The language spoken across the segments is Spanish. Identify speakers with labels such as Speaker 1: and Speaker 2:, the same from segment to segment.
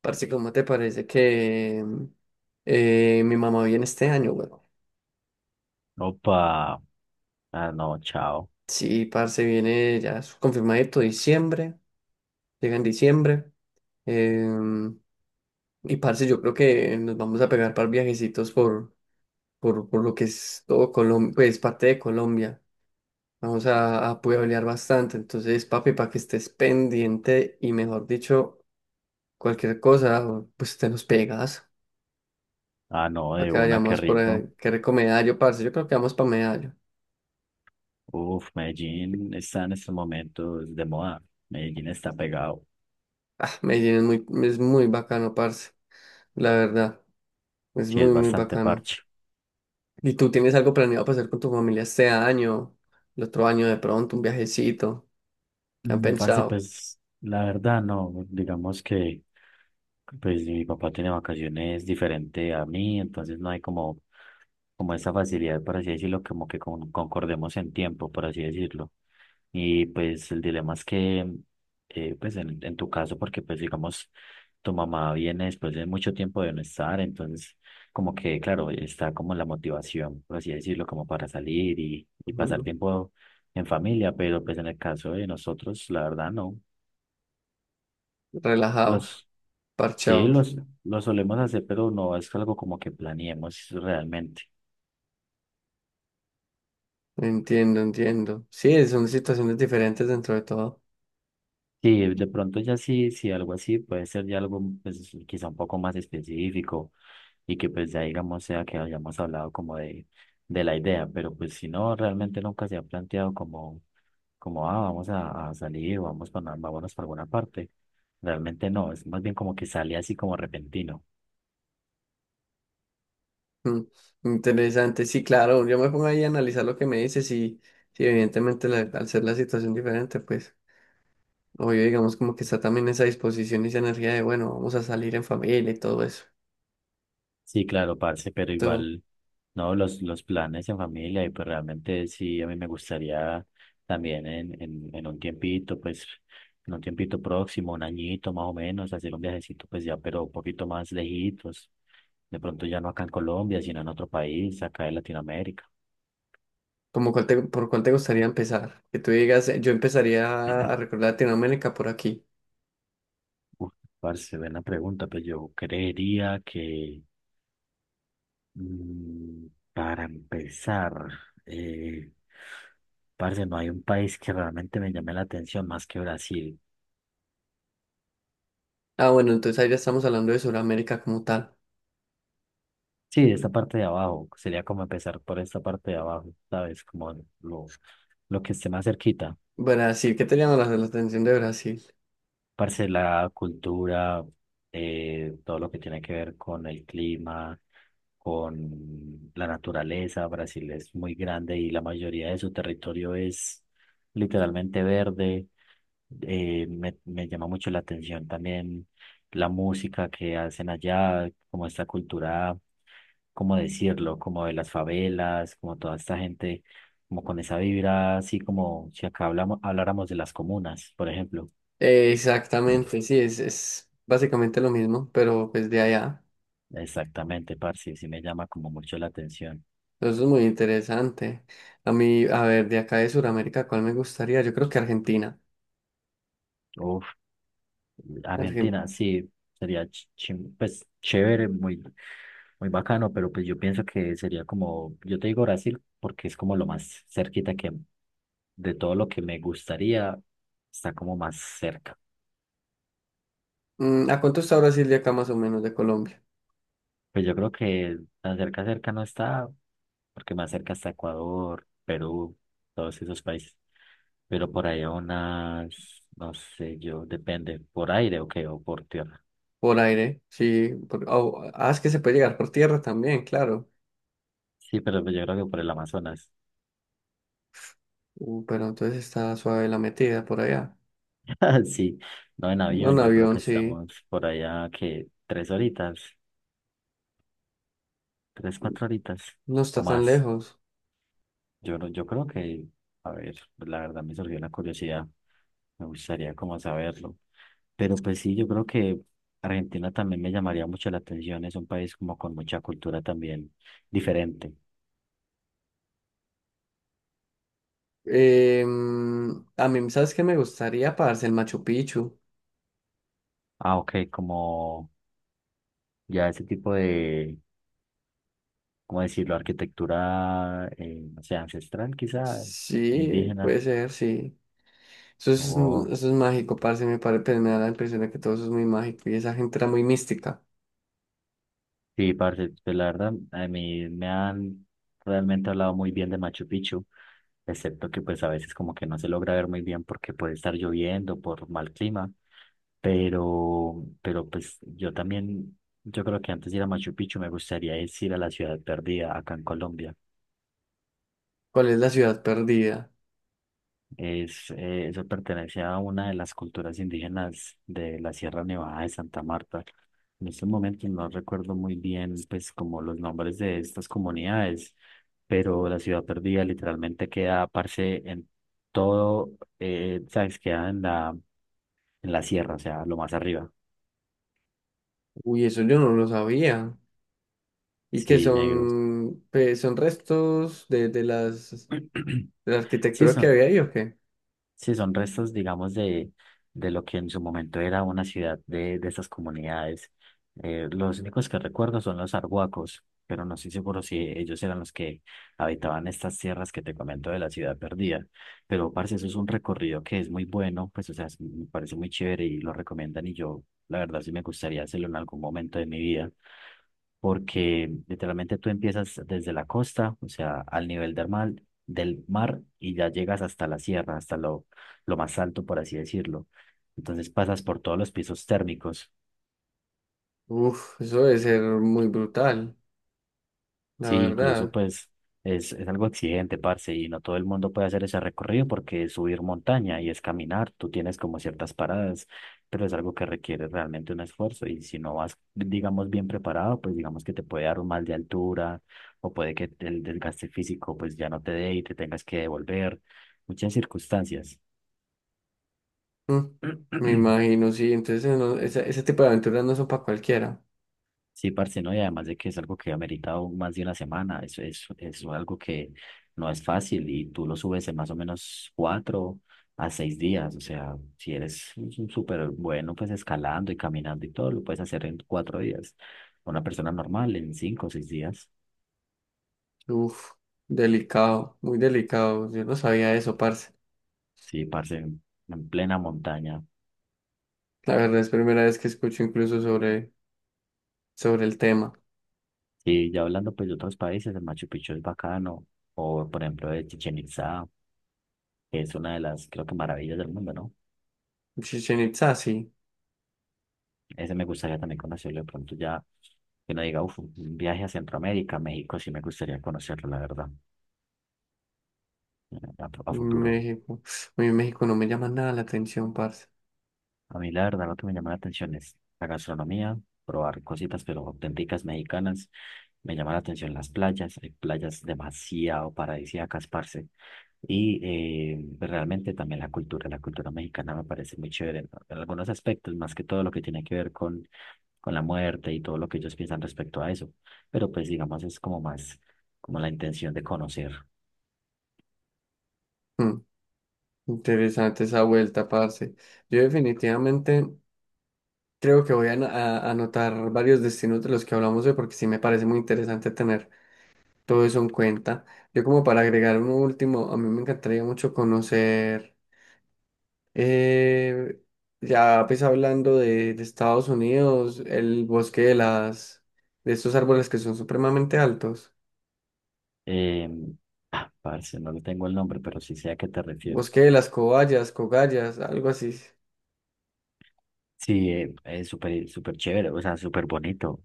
Speaker 1: Parce, ¿cómo te parece que mi mamá viene este año, güey?
Speaker 2: Opa, ah no, chao.
Speaker 1: Sí, parce, viene ya es confirmadito diciembre, llega en diciembre. em, y parce, yo creo que nos vamos a pegar para viajecitos por lo que es todo Colombia, pues parte de Colombia. Vamos a pueblear bastante. Entonces, papi, para que estés pendiente y mejor dicho, cualquier cosa, pues te nos pegas.
Speaker 2: Ah no,
Speaker 1: Para
Speaker 2: de
Speaker 1: que
Speaker 2: una, qué
Speaker 1: vayamos por
Speaker 2: rico.
Speaker 1: qué recomendario, parce. Yo creo que vamos para Medallo.
Speaker 2: Uf, Medellín está en estos momentos de moda. Medellín está pegado.
Speaker 1: Ah, Medellín es muy bacano, parce, la verdad. Es
Speaker 2: Sí, es
Speaker 1: muy
Speaker 2: bastante
Speaker 1: bacano.
Speaker 2: parche.
Speaker 1: ¿Y tú tienes algo planeado para hacer con tu familia este año, el otro año de pronto, un viajecito? ¿Qué han
Speaker 2: Parce,
Speaker 1: pensado?
Speaker 2: pues la verdad no, digamos que pues mi papá tiene vacaciones diferente a mí, entonces no hay como, esa facilidad, por así decirlo, como que concordemos en tiempo, por así decirlo. Y pues el dilema es que, pues en tu caso, porque pues digamos, tu mamá viene después de mucho tiempo de no estar, entonces como que, claro, está como la motivación, por así decirlo, como para salir y pasar
Speaker 1: Ujú.
Speaker 2: tiempo en familia, pero pues en el caso de nosotros, la verdad no.
Speaker 1: Relajados,
Speaker 2: Los, sí,
Speaker 1: parchados.
Speaker 2: los solemos hacer, pero no es algo como que planeemos realmente.
Speaker 1: Entiendo, entiendo. Sí, son situaciones diferentes dentro de todo.
Speaker 2: Sí, de pronto ya sí, sí, algo así puede ser ya algo pues, quizá un poco más específico y que pues ya digamos sea que hayamos hablado como de la idea, pero pues si no, realmente nunca se ha planteado como, ah, vamos a salir, vámonos para alguna parte. Realmente no, es más bien como que sale así como repentino.
Speaker 1: Mm, interesante, sí, claro. Yo me pongo ahí a analizar lo que me dices y, sí, evidentemente al ser la situación diferente, pues. Obvio, digamos como que está también esa disposición y esa energía de, bueno, vamos a salir en familia y todo eso.
Speaker 2: Sí, claro, parce, pero
Speaker 1: Tú,
Speaker 2: igual, no, los planes en familia y pues realmente sí, a mí me gustaría también en un tiempito, pues en un tiempito próximo, un añito más o menos, hacer un viajecito pues ya, pero un poquito más lejitos. De pronto ya no acá en Colombia, sino en otro país, acá en Latinoamérica.
Speaker 1: ¿Como cuál por cuál te gustaría empezar? Que tú digas, yo empezaría a recordar Latinoamérica por aquí.
Speaker 2: Uf, parce, buena pregunta. Pues yo creería que mm, para empezar, eh, parce, no hay un país que realmente me llame la atención más que Brasil.
Speaker 1: Ah, bueno, entonces ahí ya estamos hablando de Sudamérica como tal.
Speaker 2: Sí, esta parte de abajo, sería como empezar por esta parte de abajo, ¿sabes? Como lo, lo que esté más cerquita.
Speaker 1: Brasil, ¿qué te llama la atención de Brasil?
Speaker 2: Parce, la cultura, todo lo que tiene que ver con el clima, con la naturaleza. Brasil es muy grande y la mayoría de su territorio es literalmente verde. Me llama mucho la atención también la música que hacen allá, como esta cultura, cómo decirlo, como de las favelas, como toda esta gente, como con esa vibra, así como si acá hablamos, habláramos de las comunas, por ejemplo.
Speaker 1: Exactamente, sí, es básicamente lo mismo, pero pues de allá.
Speaker 2: Exactamente, parce, sí me llama como mucho la atención.
Speaker 1: Eso es muy interesante. A mí, a ver, de acá de Sudamérica, ¿cuál me gustaría? Yo creo que Argentina.
Speaker 2: Uf,
Speaker 1: Argen-
Speaker 2: Argentina, sí, sería pues chévere, muy, muy bacano, pero pues yo pienso que sería como, yo te digo Brasil porque es como lo más cerquita que de todo lo que me gustaría, está como más cerca.
Speaker 1: Mm, ¿a cuánto está Brasil de acá más o menos de Colombia?
Speaker 2: Pues yo creo que tan cerca, cerca no está, porque más cerca está Ecuador, Perú, todos esos países, pero por ahí a unas, no sé, yo, depende, por aire o qué, o por tierra.
Speaker 1: Por aire, sí. Es que se puede llegar por tierra también, claro.
Speaker 2: Sí, pero pues yo creo que por el Amazonas.
Speaker 1: Pero entonces está suave la metida por allá.
Speaker 2: Sí, no en
Speaker 1: Un
Speaker 2: avión, yo creo
Speaker 1: avión,
Speaker 2: que
Speaker 1: sí.
Speaker 2: estamos por allá que 3 horitas, 3, 4 horitas
Speaker 1: No está
Speaker 2: o
Speaker 1: tan
Speaker 2: más.
Speaker 1: lejos.
Speaker 2: Yo, no- yo creo que, a ver, pues la verdad me surgió la curiosidad, me gustaría como saberlo. Pero pues sí, yo creo que Argentina también me llamaría mucho la atención, es un país como con mucha cultura también diferente.
Speaker 1: Em, a mí, ¿sabes qué me gustaría? Parce, el Machu Picchu.
Speaker 2: Ah, ok, como ya ese tipo de, ¿cómo decirlo? Arquitectura, no sé, ancestral quizá,
Speaker 1: Sí,
Speaker 2: indígena.
Speaker 1: puede ser, sí.
Speaker 2: Oh,
Speaker 1: Eso es mágico, parce. Pues, me da la impresión de que todo eso es muy mágico. Y esa gente era muy mística.
Speaker 2: sí, parce, pues la verdad, a mí me han realmente hablado muy bien de Machu Picchu, excepto que pues a veces como que no se logra ver muy bien porque puede estar lloviendo por mal clima, pero pues yo también, yo creo que antes de ir a Machu Picchu me gustaría es ir a la Ciudad Perdida acá en Colombia.
Speaker 1: ¿Cuál es la ciudad perdida?
Speaker 2: Eso pertenece a una de las culturas indígenas de la Sierra Nevada de Santa Marta. En estos momentos no recuerdo muy bien, pues, como los nombres de estas comunidades, pero la ciudad perdida literalmente queda, parce, en todo, ¿sabes? Queda en la sierra, o sea, lo más arriba.
Speaker 1: Uy, eso yo no lo sabía. Y que
Speaker 2: Sí, negro.
Speaker 1: son, pues, son restos de las. ¿La
Speaker 2: Sí,
Speaker 1: arquitectura que
Speaker 2: son,
Speaker 1: había ahí o qué?
Speaker 2: Sí, son restos, digamos, de lo que en su momento era una ciudad de esas comunidades. Los únicos que recuerdo son los arhuacos, pero no estoy seguro si ellos eran los que habitaban estas tierras que te comento de la ciudad perdida. Pero, parce, eso es un recorrido que es muy bueno, pues, o sea, me parece muy chévere y lo recomiendan y yo, la verdad, sí me gustaría hacerlo en algún momento de mi vida porque literalmente tú empiezas desde la costa, o sea, al nivel del mar y ya llegas hasta la sierra, hasta lo más alto, por así decirlo. Entonces pasas por todos los pisos térmicos.
Speaker 1: Uf, eso debe ser muy brutal, la
Speaker 2: Sí, incluso
Speaker 1: verdad.
Speaker 2: pues es algo exigente, parce, y no todo el mundo puede hacer ese recorrido porque es subir montaña y es caminar, tú tienes como ciertas paradas, pero es algo que requiere realmente un esfuerzo y si no vas, digamos, bien preparado, pues digamos que te puede dar un mal de altura o puede que el desgaste físico pues ya no te dé y te tengas que devolver, muchas circunstancias.
Speaker 1: Mm, me imagino, sí. Entonces, ese tipo de aventuras no son para cualquiera.
Speaker 2: Sí, parce, ¿no? Y además de que es algo que ha meritado más de una semana, eso es algo que no es fácil y tú lo subes en más o menos 4 a 6 días, o sea, si eres un súper bueno, pues escalando y caminando y todo, lo puedes hacer en 4 días. Una persona normal en 5 o 6 días,
Speaker 1: Uf, delicado, muy delicado. Yo no sabía eso, parce.
Speaker 2: sí, parce, en plena montaña.
Speaker 1: La verdad es primera vez que escucho incluso sobre, sobre el tema.
Speaker 2: Sí, ya hablando pues de otros países, el Machu Picchu es bacano, o por ejemplo de Chichen Itzá, que es una de las, creo que maravillas del mundo, ¿no?
Speaker 1: Chichen Itzá, sí.
Speaker 2: Ese me gustaría también conocerlo de pronto ya, que no diga, uff, un viaje a Centroamérica, México, sí me gustaría conocerlo, la verdad, a futuro.
Speaker 1: México. Uy, México no me llama nada la atención, parce.
Speaker 2: A mí la verdad lo que me llama la atención es la gastronomía, probar cositas pero auténticas mexicanas. Me llama la atención las playas, hay playas demasiado paradisíacas, parce. Y pues, realmente también la cultura mexicana me parece muy chévere en, algunos aspectos, más que todo lo que tiene que ver con la muerte y todo lo que ellos piensan respecto a eso. Pero pues digamos es como más como la intención de conocer.
Speaker 1: Mm, interesante esa vuelta, parce. Yo definitivamente. Creo que voy a anotar varios destinos de los que hablamos hoy porque sí me parece muy interesante tener todo eso en cuenta. Yo como para agregar un último, a mí me encantaría mucho conocer, eh, ya pues hablando de Estados Unidos, el bosque de las, de estos árboles que son supremamente altos,
Speaker 2: Eh, ah, parce, no le tengo el nombre, pero sí sé a qué te refieres.
Speaker 1: bosque de las cobayas, cogallas, algo así.
Speaker 2: Sí, es súper súper chévere, o sea, súper bonito.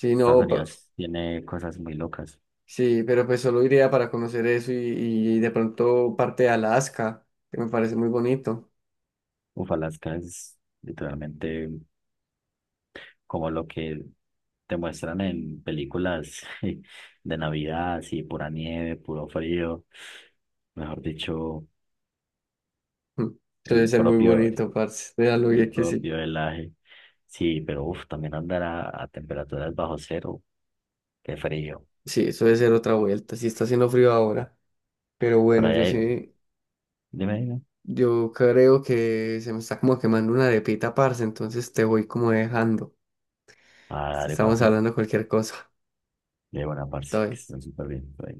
Speaker 1: Sí,
Speaker 2: Estados
Speaker 1: no,
Speaker 2: Unidos tiene cosas muy locas.
Speaker 1: sí, pero pues solo iría para conocer eso y de pronto parte de Alaska, que me parece muy bonito.
Speaker 2: Uf, Alaska es literalmente como lo que te muestran en películas de Navidad, así pura nieve, puro frío, mejor dicho,
Speaker 1: Mm.
Speaker 2: el
Speaker 1: Debe ser muy
Speaker 2: propio,
Speaker 1: bonito, parce. Déjalo
Speaker 2: el
Speaker 1: bien que sí.
Speaker 2: propio helaje. Sí, pero uff, también andar a temperaturas bajo cero, qué frío.
Speaker 1: Sí, eso debe ser otra vuelta. Sí está haciendo frío ahora. Pero
Speaker 2: Por
Speaker 1: bueno,
Speaker 2: ahí,
Speaker 1: yo sí,
Speaker 2: dime, dime.
Speaker 1: yo creo que se me está como quemando una arepita, parce. Entonces te voy como dejando.
Speaker 2: Ah, dale,
Speaker 1: Estamos
Speaker 2: papi.
Speaker 1: hablando de cualquier cosa.
Speaker 2: De buena
Speaker 1: Todo
Speaker 2: parte, que
Speaker 1: bien.
Speaker 2: estén súper bien. Por